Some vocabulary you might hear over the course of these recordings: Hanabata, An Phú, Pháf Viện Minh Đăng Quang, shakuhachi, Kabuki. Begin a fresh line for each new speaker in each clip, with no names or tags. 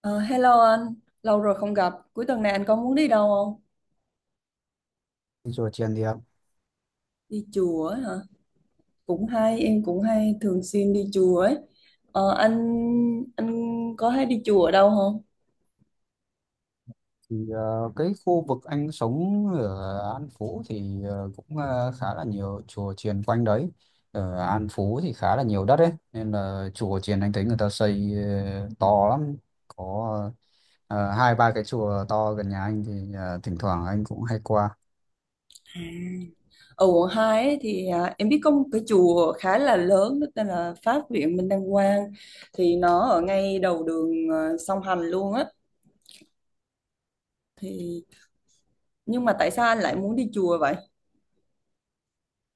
Ờ, Hello anh, lâu rồi không gặp. Cuối tuần này anh có muốn đi đâu không?
Rồi tiền thì, ạ,
Đi chùa ấy hả? Cũng hay, em cũng hay thường xuyên đi chùa ấy. Ờ, anh anh có hay đi chùa ở đâu không?
thì ờ, Cái khu vực anh sống ở An Phú thì cũng khá là nhiều chùa chiền quanh đấy. Ở An Phú thì khá là nhiều đất ấy, nên là chùa chiền anh thấy người ta xây to lắm. Có hai ba cái chùa to gần nhà anh thì thỉnh thoảng anh cũng hay qua.
À. Ở quận 2 ấy, em biết có một cái chùa khá là lớn đó tên là Pháp Viện Minh Đăng Quang, thì nó ở ngay đầu đường, song hành luôn á. thì nhưng mà tại sao anh lại muốn đi chùa vậy?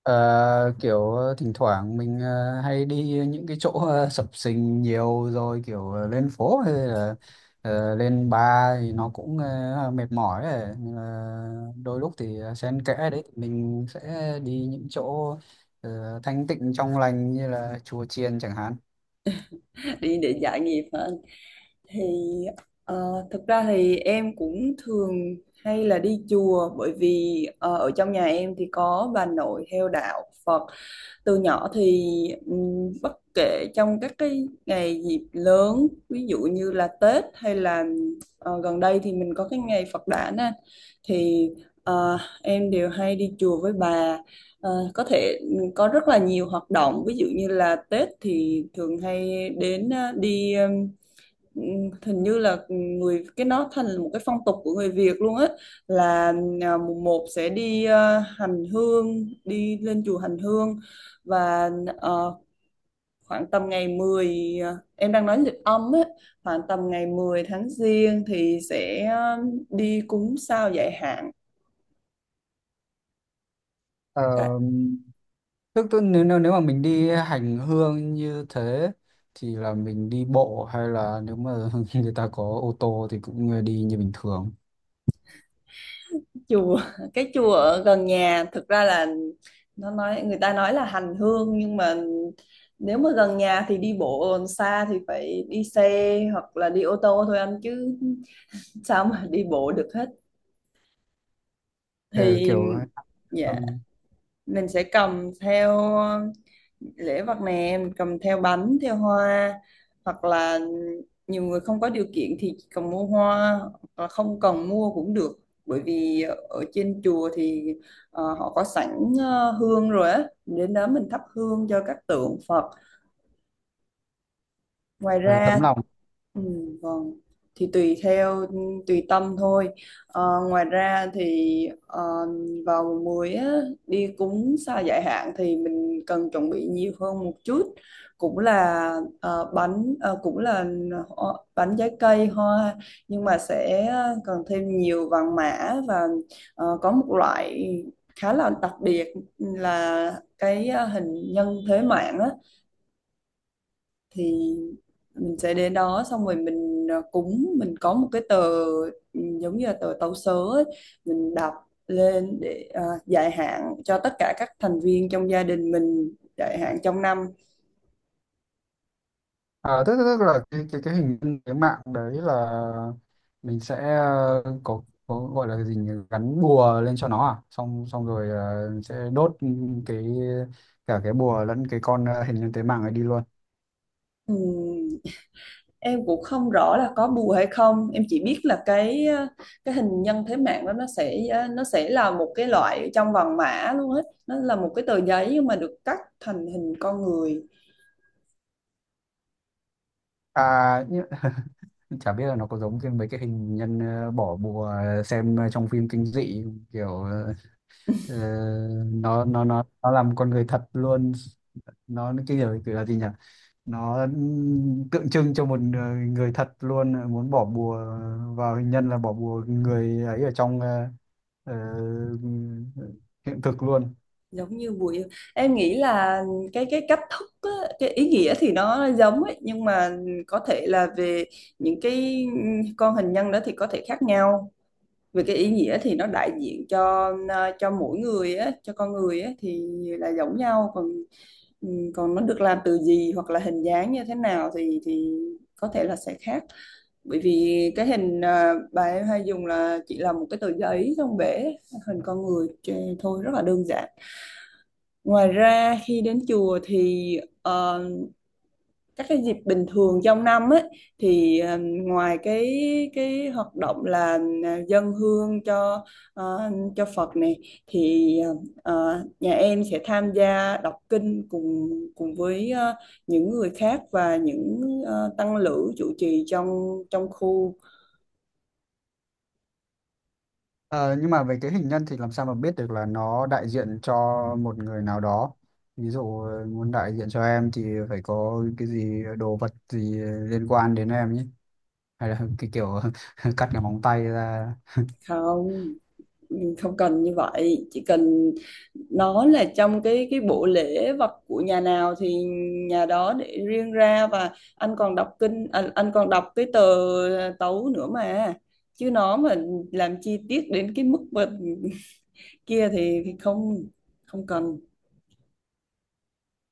Ờ, Kiểu thỉnh thoảng mình hay đi những cái chỗ sập sình nhiều rồi, kiểu lên phố hay là lên bar thì nó cũng mệt mỏi ấy. Nhưng mà đôi lúc thì xen kẽ đấy thì mình sẽ đi những chỗ thanh tịnh trong lành như là chùa chiền chẳng hạn.
Đi để giải nghiệp hả? thì Thực ra thì em cũng thường hay là đi chùa, bởi vì ở trong nhà em thì có bà nội theo đạo Phật từ nhỏ. Thì Bất kể trong các cái ngày dịp lớn, ví dụ như là Tết, hay là gần đây thì mình có cái ngày Phật đản á, thì em đều hay đi chùa với bà. Có thể có rất là nhiều hoạt động, ví dụ như là Tết thì thường hay đến, đi. Ừ, hình như là người cái nó thành là một cái phong tục của người Việt luôn á, là mùng một sẽ đi, hành hương, đi lên chùa hành hương. Và ờ, khoảng tầm ngày mười, em đang nói lịch âm á, khoảng tầm ngày 10 tháng giêng thì sẽ, đi cúng sao giải hạn.
Ờ, tức nếu, nếu nếu mà mình đi hành hương như thế thì là mình đi bộ, hay là nếu mà người ta có ô tô thì cũng đi như bình thường.
Chùa, cái chùa ở gần nhà thực ra là nó nói, người ta nói là hành hương, nhưng mà nếu mà gần nhà thì đi bộ, còn xa thì phải đi xe hoặc là đi ô tô thôi anh, chứ sao mà đi bộ được hết.
Ừ,
Thì
kiểu. Ừ,
dạ, mình sẽ cầm theo lễ vật nè, mình cầm theo bánh theo hoa, hoặc là nhiều người không có điều kiện thì chỉ cần mua hoa, hoặc là không cần mua cũng được. Bởi vì ở trên chùa thì họ có sẵn hương rồi á, đến đó mình thắp hương cho các tượng Phật. Ngoài
ờ,
ra,
tấm lòng.
ừ, vâng, thì tùy theo, tùy tâm thôi. Ngoài ra thì vào mùa muối á, đi cúng sa giải hạn thì mình cần chuẩn bị nhiều hơn một chút, cũng là bánh, cũng là bánh, trái cây, hoa, nhưng mà sẽ cần thêm nhiều vàng mã, và có một loại khá là đặc biệt là cái hình nhân thế mạng á. Thì mình sẽ đến đó, xong rồi mình cúng, mình có một cái tờ, ừ, giống như là tờ tấu sớ ấy, mình đọc lên để dài hạn cho tất cả các thành viên trong gia đình mình, dài hạn trong năm.
À, tức là cái hình nhân cái mạng đấy là mình sẽ có gọi là gì nhỉ? Gắn bùa lên cho nó à, xong xong rồi sẽ đốt cái, cả cái bùa lẫn cái con hình nhân tế mạng ấy đi luôn.
Ừm, em cũng không rõ là có bùa hay không, em chỉ biết là cái cái hình nhân thế mạng đó nó sẽ, nó sẽ là một cái loại trong vòng mã luôn, hết nó là một cái tờ giấy nhưng mà được cắt thành hình con người.
À nhưng, chả biết là nó có giống cái mấy cái hình nhân bỏ bùa, xem trong phim kinh dị, kiểu, ờ, nó làm con người thật luôn. Nó cái kiểu kiểu là gì nhỉ? Nó tượng trưng cho một người, người thật luôn, muốn bỏ bùa vào hình nhân là bỏ bùa người ấy ở trong ờ, hiện thực luôn.
Giống như buổi, em nghĩ là cái cách thức á, cái ý nghĩa thì nó giống ấy, nhưng mà có thể là về những cái con hình nhân đó thì có thể khác nhau. Về cái ý nghĩa thì nó đại diện cho cho mỗi người á, cho con người á thì là giống nhau. Còn còn nó được làm từ gì hoặc là hình dáng như thế nào thì có thể là sẽ khác, bởi vì cái hình, bà em hay dùng là chỉ là một cái tờ giấy trong bể hình con người thôi, rất là đơn giản. Ngoài ra khi đến chùa thì các cái dịp bình thường trong năm ấy, thì ngoài cái hoạt động là dâng hương cho cho Phật này, thì nhà em sẽ tham gia đọc kinh cùng cùng với những người khác, và những tăng lữ trụ trì trong trong khu.
Ờ, nhưng mà về cái hình nhân thì làm sao mà biết được là nó đại diện cho một người nào đó? Ví dụ muốn đại diện cho em thì phải có cái gì, đồ vật gì liên quan đến em nhé, hay là cái kiểu cắt cái móng tay ra.
Không, không cần như vậy, chỉ cần nó là trong cái bộ lễ vật của nhà nào thì nhà đó để riêng ra. Và anh còn đọc kinh, anh còn đọc cái tờ tấu nữa mà, chứ nó mà làm chi tiết đến cái mức mà kia thì không, không cần.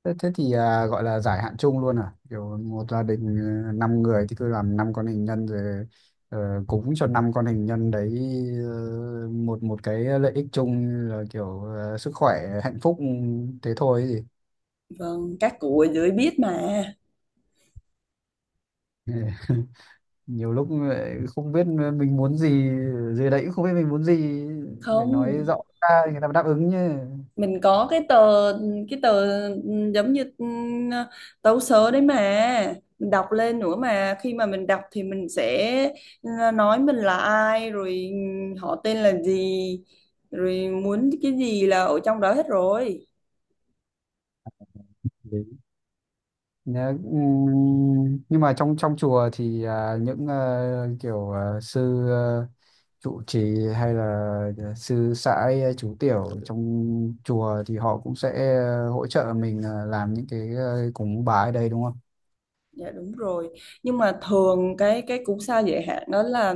Thế thì à, gọi là giải hạn chung luôn à? Kiểu một gia đình, 5 người thì cứ làm 5 con hình nhân rồi cúng cho 5 con hình nhân đấy, một một cái lợi ích chung là kiểu sức khỏe, hạnh phúc, ừ, thế thôi ấy gì.
Vâng, các cụ ở dưới biết mà.
Ừ. Nhiều lúc lại không biết mình muốn gì, dưới đấy cũng không biết mình muốn gì, phải nói
Không,
rõ ra thì người ta mới đáp ứng
mình có cái tờ, cái tờ giống như ừ, tấu sớ đấy mà, mình đọc lên nữa mà. Khi mà mình đọc thì mình sẽ, ừ, nói mình là ai rồi, ừ, họ tên là gì, rồi muốn cái gì là ở trong đó hết rồi.
chứ. Nhá, nhưng mà trong trong chùa thì à, những kiểu sư trụ trì, hay là sư sãi, chú tiểu trong chùa thì họ cũng sẽ hỗ trợ mình làm những cái cúng bái ở đây đúng không?
Dạ đúng rồi. Nhưng mà thường cái cú sa giới hạn đó là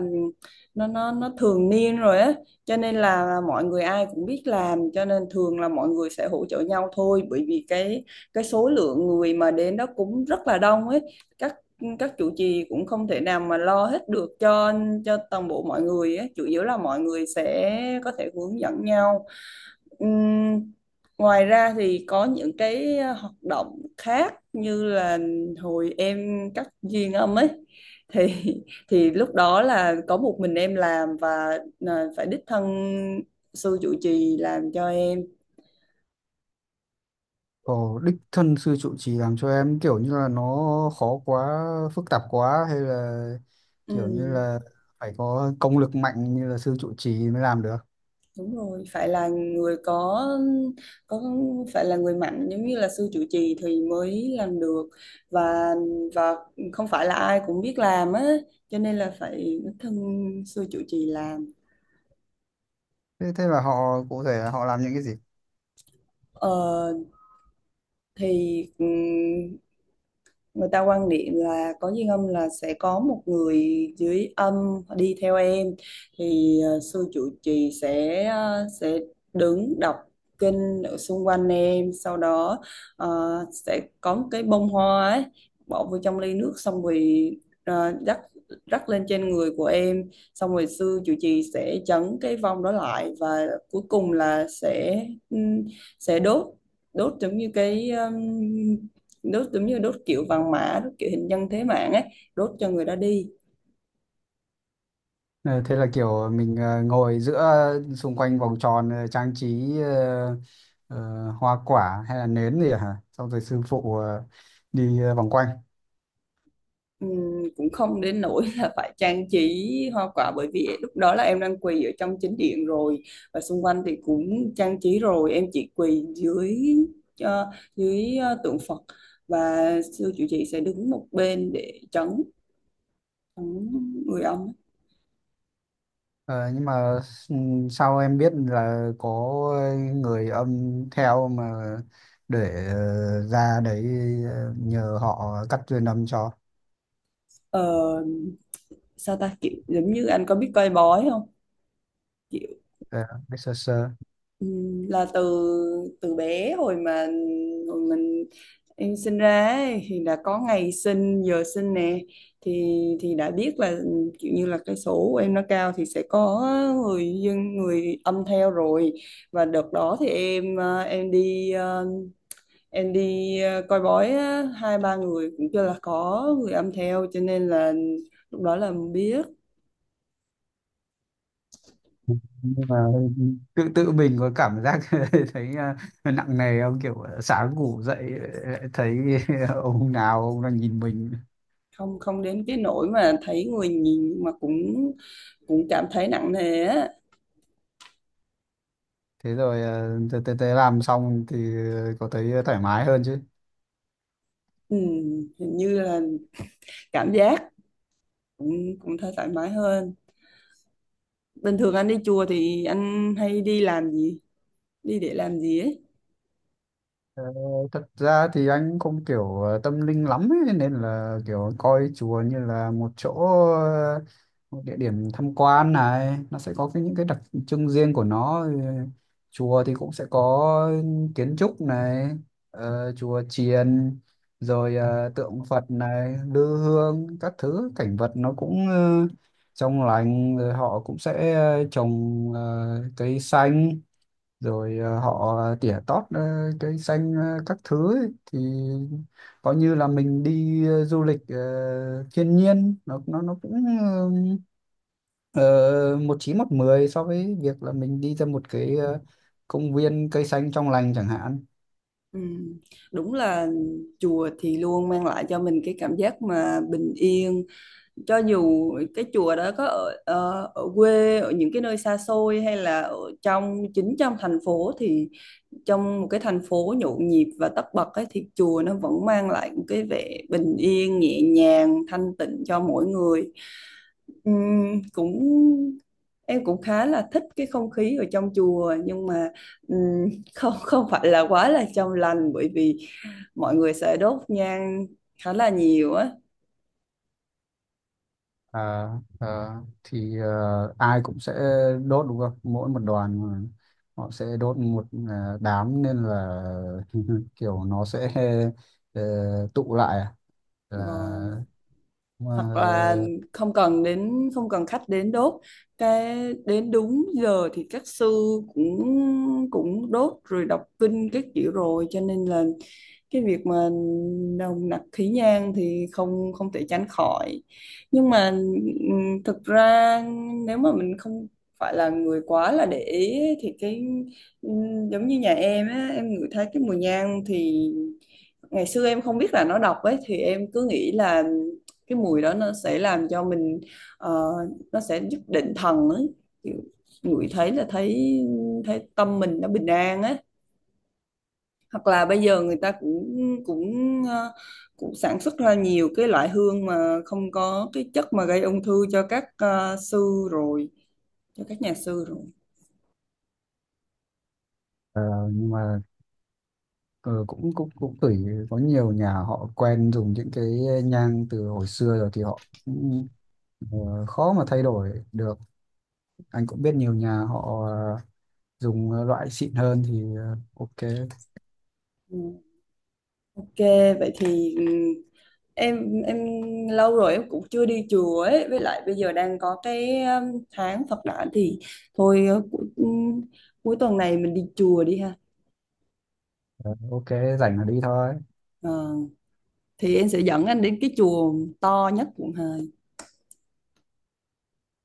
nó thường niên rồi á, cho nên là mọi người ai cũng biết làm, cho nên thường là mọi người sẽ hỗ trợ nhau thôi, bởi vì cái số lượng người mà đến đó cũng rất là đông ấy. Các các chủ trì cũng không thể nào mà lo hết được cho toàn bộ mọi người ấy. Chủ yếu là mọi người sẽ có thể hướng dẫn nhau. Ừm, ngoài ra thì có những cái hoạt động khác, như là hồi em cắt duyên âm ấy, thì thì lúc đó là có một mình em làm, và là phải đích thân sư trụ trì làm cho em.
Ồ, đích thân sư trụ trì làm cho em, kiểu như là nó khó quá, phức tạp quá, hay là kiểu như
Ừm,
là phải có công lực mạnh như là sư trụ trì mới làm được.
đúng rồi, phải là người có phải là người mạnh giống như là sư trụ trì thì mới làm được. và và không phải là ai cũng biết làm á, cho nên là phải đích thân sư trụ trì làm.
Thế là họ cụ thể là họ làm những cái gì?
Ờ, thì người ta quan niệm là có duyên âm là sẽ có một người dưới âm đi theo em. Thì sư trụ trì sẽ sẽ đứng đọc kinh ở xung quanh em. Sau đó ờ, sẽ có một cái bông hoa ấy bỏ vô trong ly nước, xong rồi rắc rắc lên trên người của em. Xong rồi sư trụ trì sẽ trấn cái vong đó lại, và cuối cùng là ừm, sẽ đốt, đốt giống như cái đốt giống như đốt kiểu vàng mã, đốt kiểu hình nhân thế mạng ấy, đốt cho người đó đi.
Ờ, Thế là kiểu mình ngồi giữa xung quanh vòng tròn, trang trí ờ, hoa quả hay là nến gì hả? Xong rồi sư phụ đi vòng quanh.
Cũng không đến nỗi là phải trang trí hoa quả, bởi vì lúc đó là em đang quỳ ở trong chính điện rồi, và xung quanh thì cũng trang trí rồi, em chỉ quỳ dưới ờ, dưới tượng Phật. Và sư chủ trì sẽ đứng một bên để trấn người ông.
Ờ, nhưng mà sao em biết là có người âm theo mà để ra đấy nhờ họ cắt duyên âm cho?
Ờ, Sao ta, kiểu giống như anh có biết coi bói không? Kiểu,
Ờ, biết sơ sơ.
ừ, là từ từ bé, hồi mà hồi mình em sinh ra ấy, thì đã có ngày sinh giờ sinh nè, thì đã biết là kiểu như là cái số của em nó cao thì sẽ có người dân, người âm theo rồi. Và đợt đó thì em em đi coi bói á, hai ba người cũng chưa là có người âm theo, cho nên là lúc đó là biết.
Nhưng mà tự tự mình có cảm giác thấy à, nặng nề không? Kiểu sáng ngủ dậy lại thấy ông nào ông đang nhìn mình.
Không, không đến cái nỗi mà thấy người nhìn, nhưng mà cũng cũng cảm thấy nặng nề á.
Thế rồi à, từ từ từ làm xong thì có thấy thoải mái hơn chứ?
Ừ, hình như là cảm giác cũng cũng thấy thoải mái hơn. Bình thường anh đi chùa thì anh hay đi làm gì? Đi để làm gì ấy?
Ờ, thật ra thì anh không kiểu tâm linh lắm ấy, nên là kiểu coi chùa như là một chỗ, ờ, một địa điểm tham quan này, nó sẽ có cái, những cái đặc trưng riêng của nó. Ừ, chùa thì cũng sẽ có kiến trúc này, chùa chiền, rồi tượng Phật này, lư hương các thứ, cảnh vật nó cũng trong lành, rồi họ cũng sẽ trồng cây xanh, rồi họ tỉa tót cây xanh các thứ ấy, thì coi như là mình đi du lịch thiên nhiên, nó cũng ờ, một chín một mười so với việc là mình đi ra một cái công viên cây xanh trong lành chẳng hạn.
Ừ, đúng là chùa thì luôn mang lại cho mình cái cảm giác mà bình yên. Cho dù cái chùa đó có ở, ở quê, ở những cái nơi xa xôi, hay là ở trong chính trong thành phố, thì trong một cái thành phố nhộn nhịp và tấp bật ấy, thì chùa nó vẫn mang lại một cái vẻ bình yên, nhẹ nhàng, thanh tịnh cho mỗi người. Cũng em cũng khá là thích cái không khí ở trong chùa, nhưng mà ừm, không không phải là quá là trong lành, bởi vì mọi người sẽ đốt nhang khá là nhiều á.
Ờ, ờ, thì ai cũng sẽ đốt đúng không? Mỗi một đoàn mà họ sẽ đốt một đám, nên là kiểu nó sẽ ờ, tụ lại à?
Vâng.
là mà
Hoặc là không cần đến, không cần khách đến đốt, cái đến đúng giờ thì các sư cũng cũng đốt rồi đọc kinh các kiểu rồi, cho nên là cái việc mà nồng nặc khí nhang thì không, không thể tránh khỏi. Nhưng mà thực ra nếu mà mình không phải là người quá là để ý ấy, thì cái giống như nhà em á, em ngửi thấy cái mùi nhang thì ngày xưa em không biết là nó độc ấy, thì em cứ nghĩ là cái mùi đó nó sẽ làm cho mình ờ, nó sẽ giúp định thần ấy, ngửi thấy là thấy thấy tâm mình nó bình an ấy. Hoặc là bây giờ người ta cũng cũng ờ, cũng sản xuất ra nhiều cái loại hương mà không có cái chất mà gây ung thư cho các ờ, sư rồi cho các nhà sư rồi.
ờ, nhưng mà ờ, cũng cũng cũng tùy. Có nhiều nhà họ quen dùng những cái nhang từ hồi xưa rồi thì họ cũng khó mà thay đổi được. Anh cũng biết nhiều nhà họ dùng loại xịn hơn thì ok.
Ừ. Ok, vậy thì ừ, em lâu rồi em cũng chưa đi chùa ấy, với lại bây giờ đang có cái tháng Phật đản, thì thôi cuối tuần này mình đi chùa đi ha.
Ờ, ok, rảnh là đi thôi.
Ờ, thì em sẽ dẫn anh đến cái chùa to nhất quận Hai.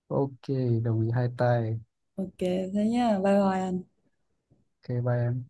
Ok, đồng ý hai tay.
Ok, thế nhá, bye bye anh.
Ok, bye em.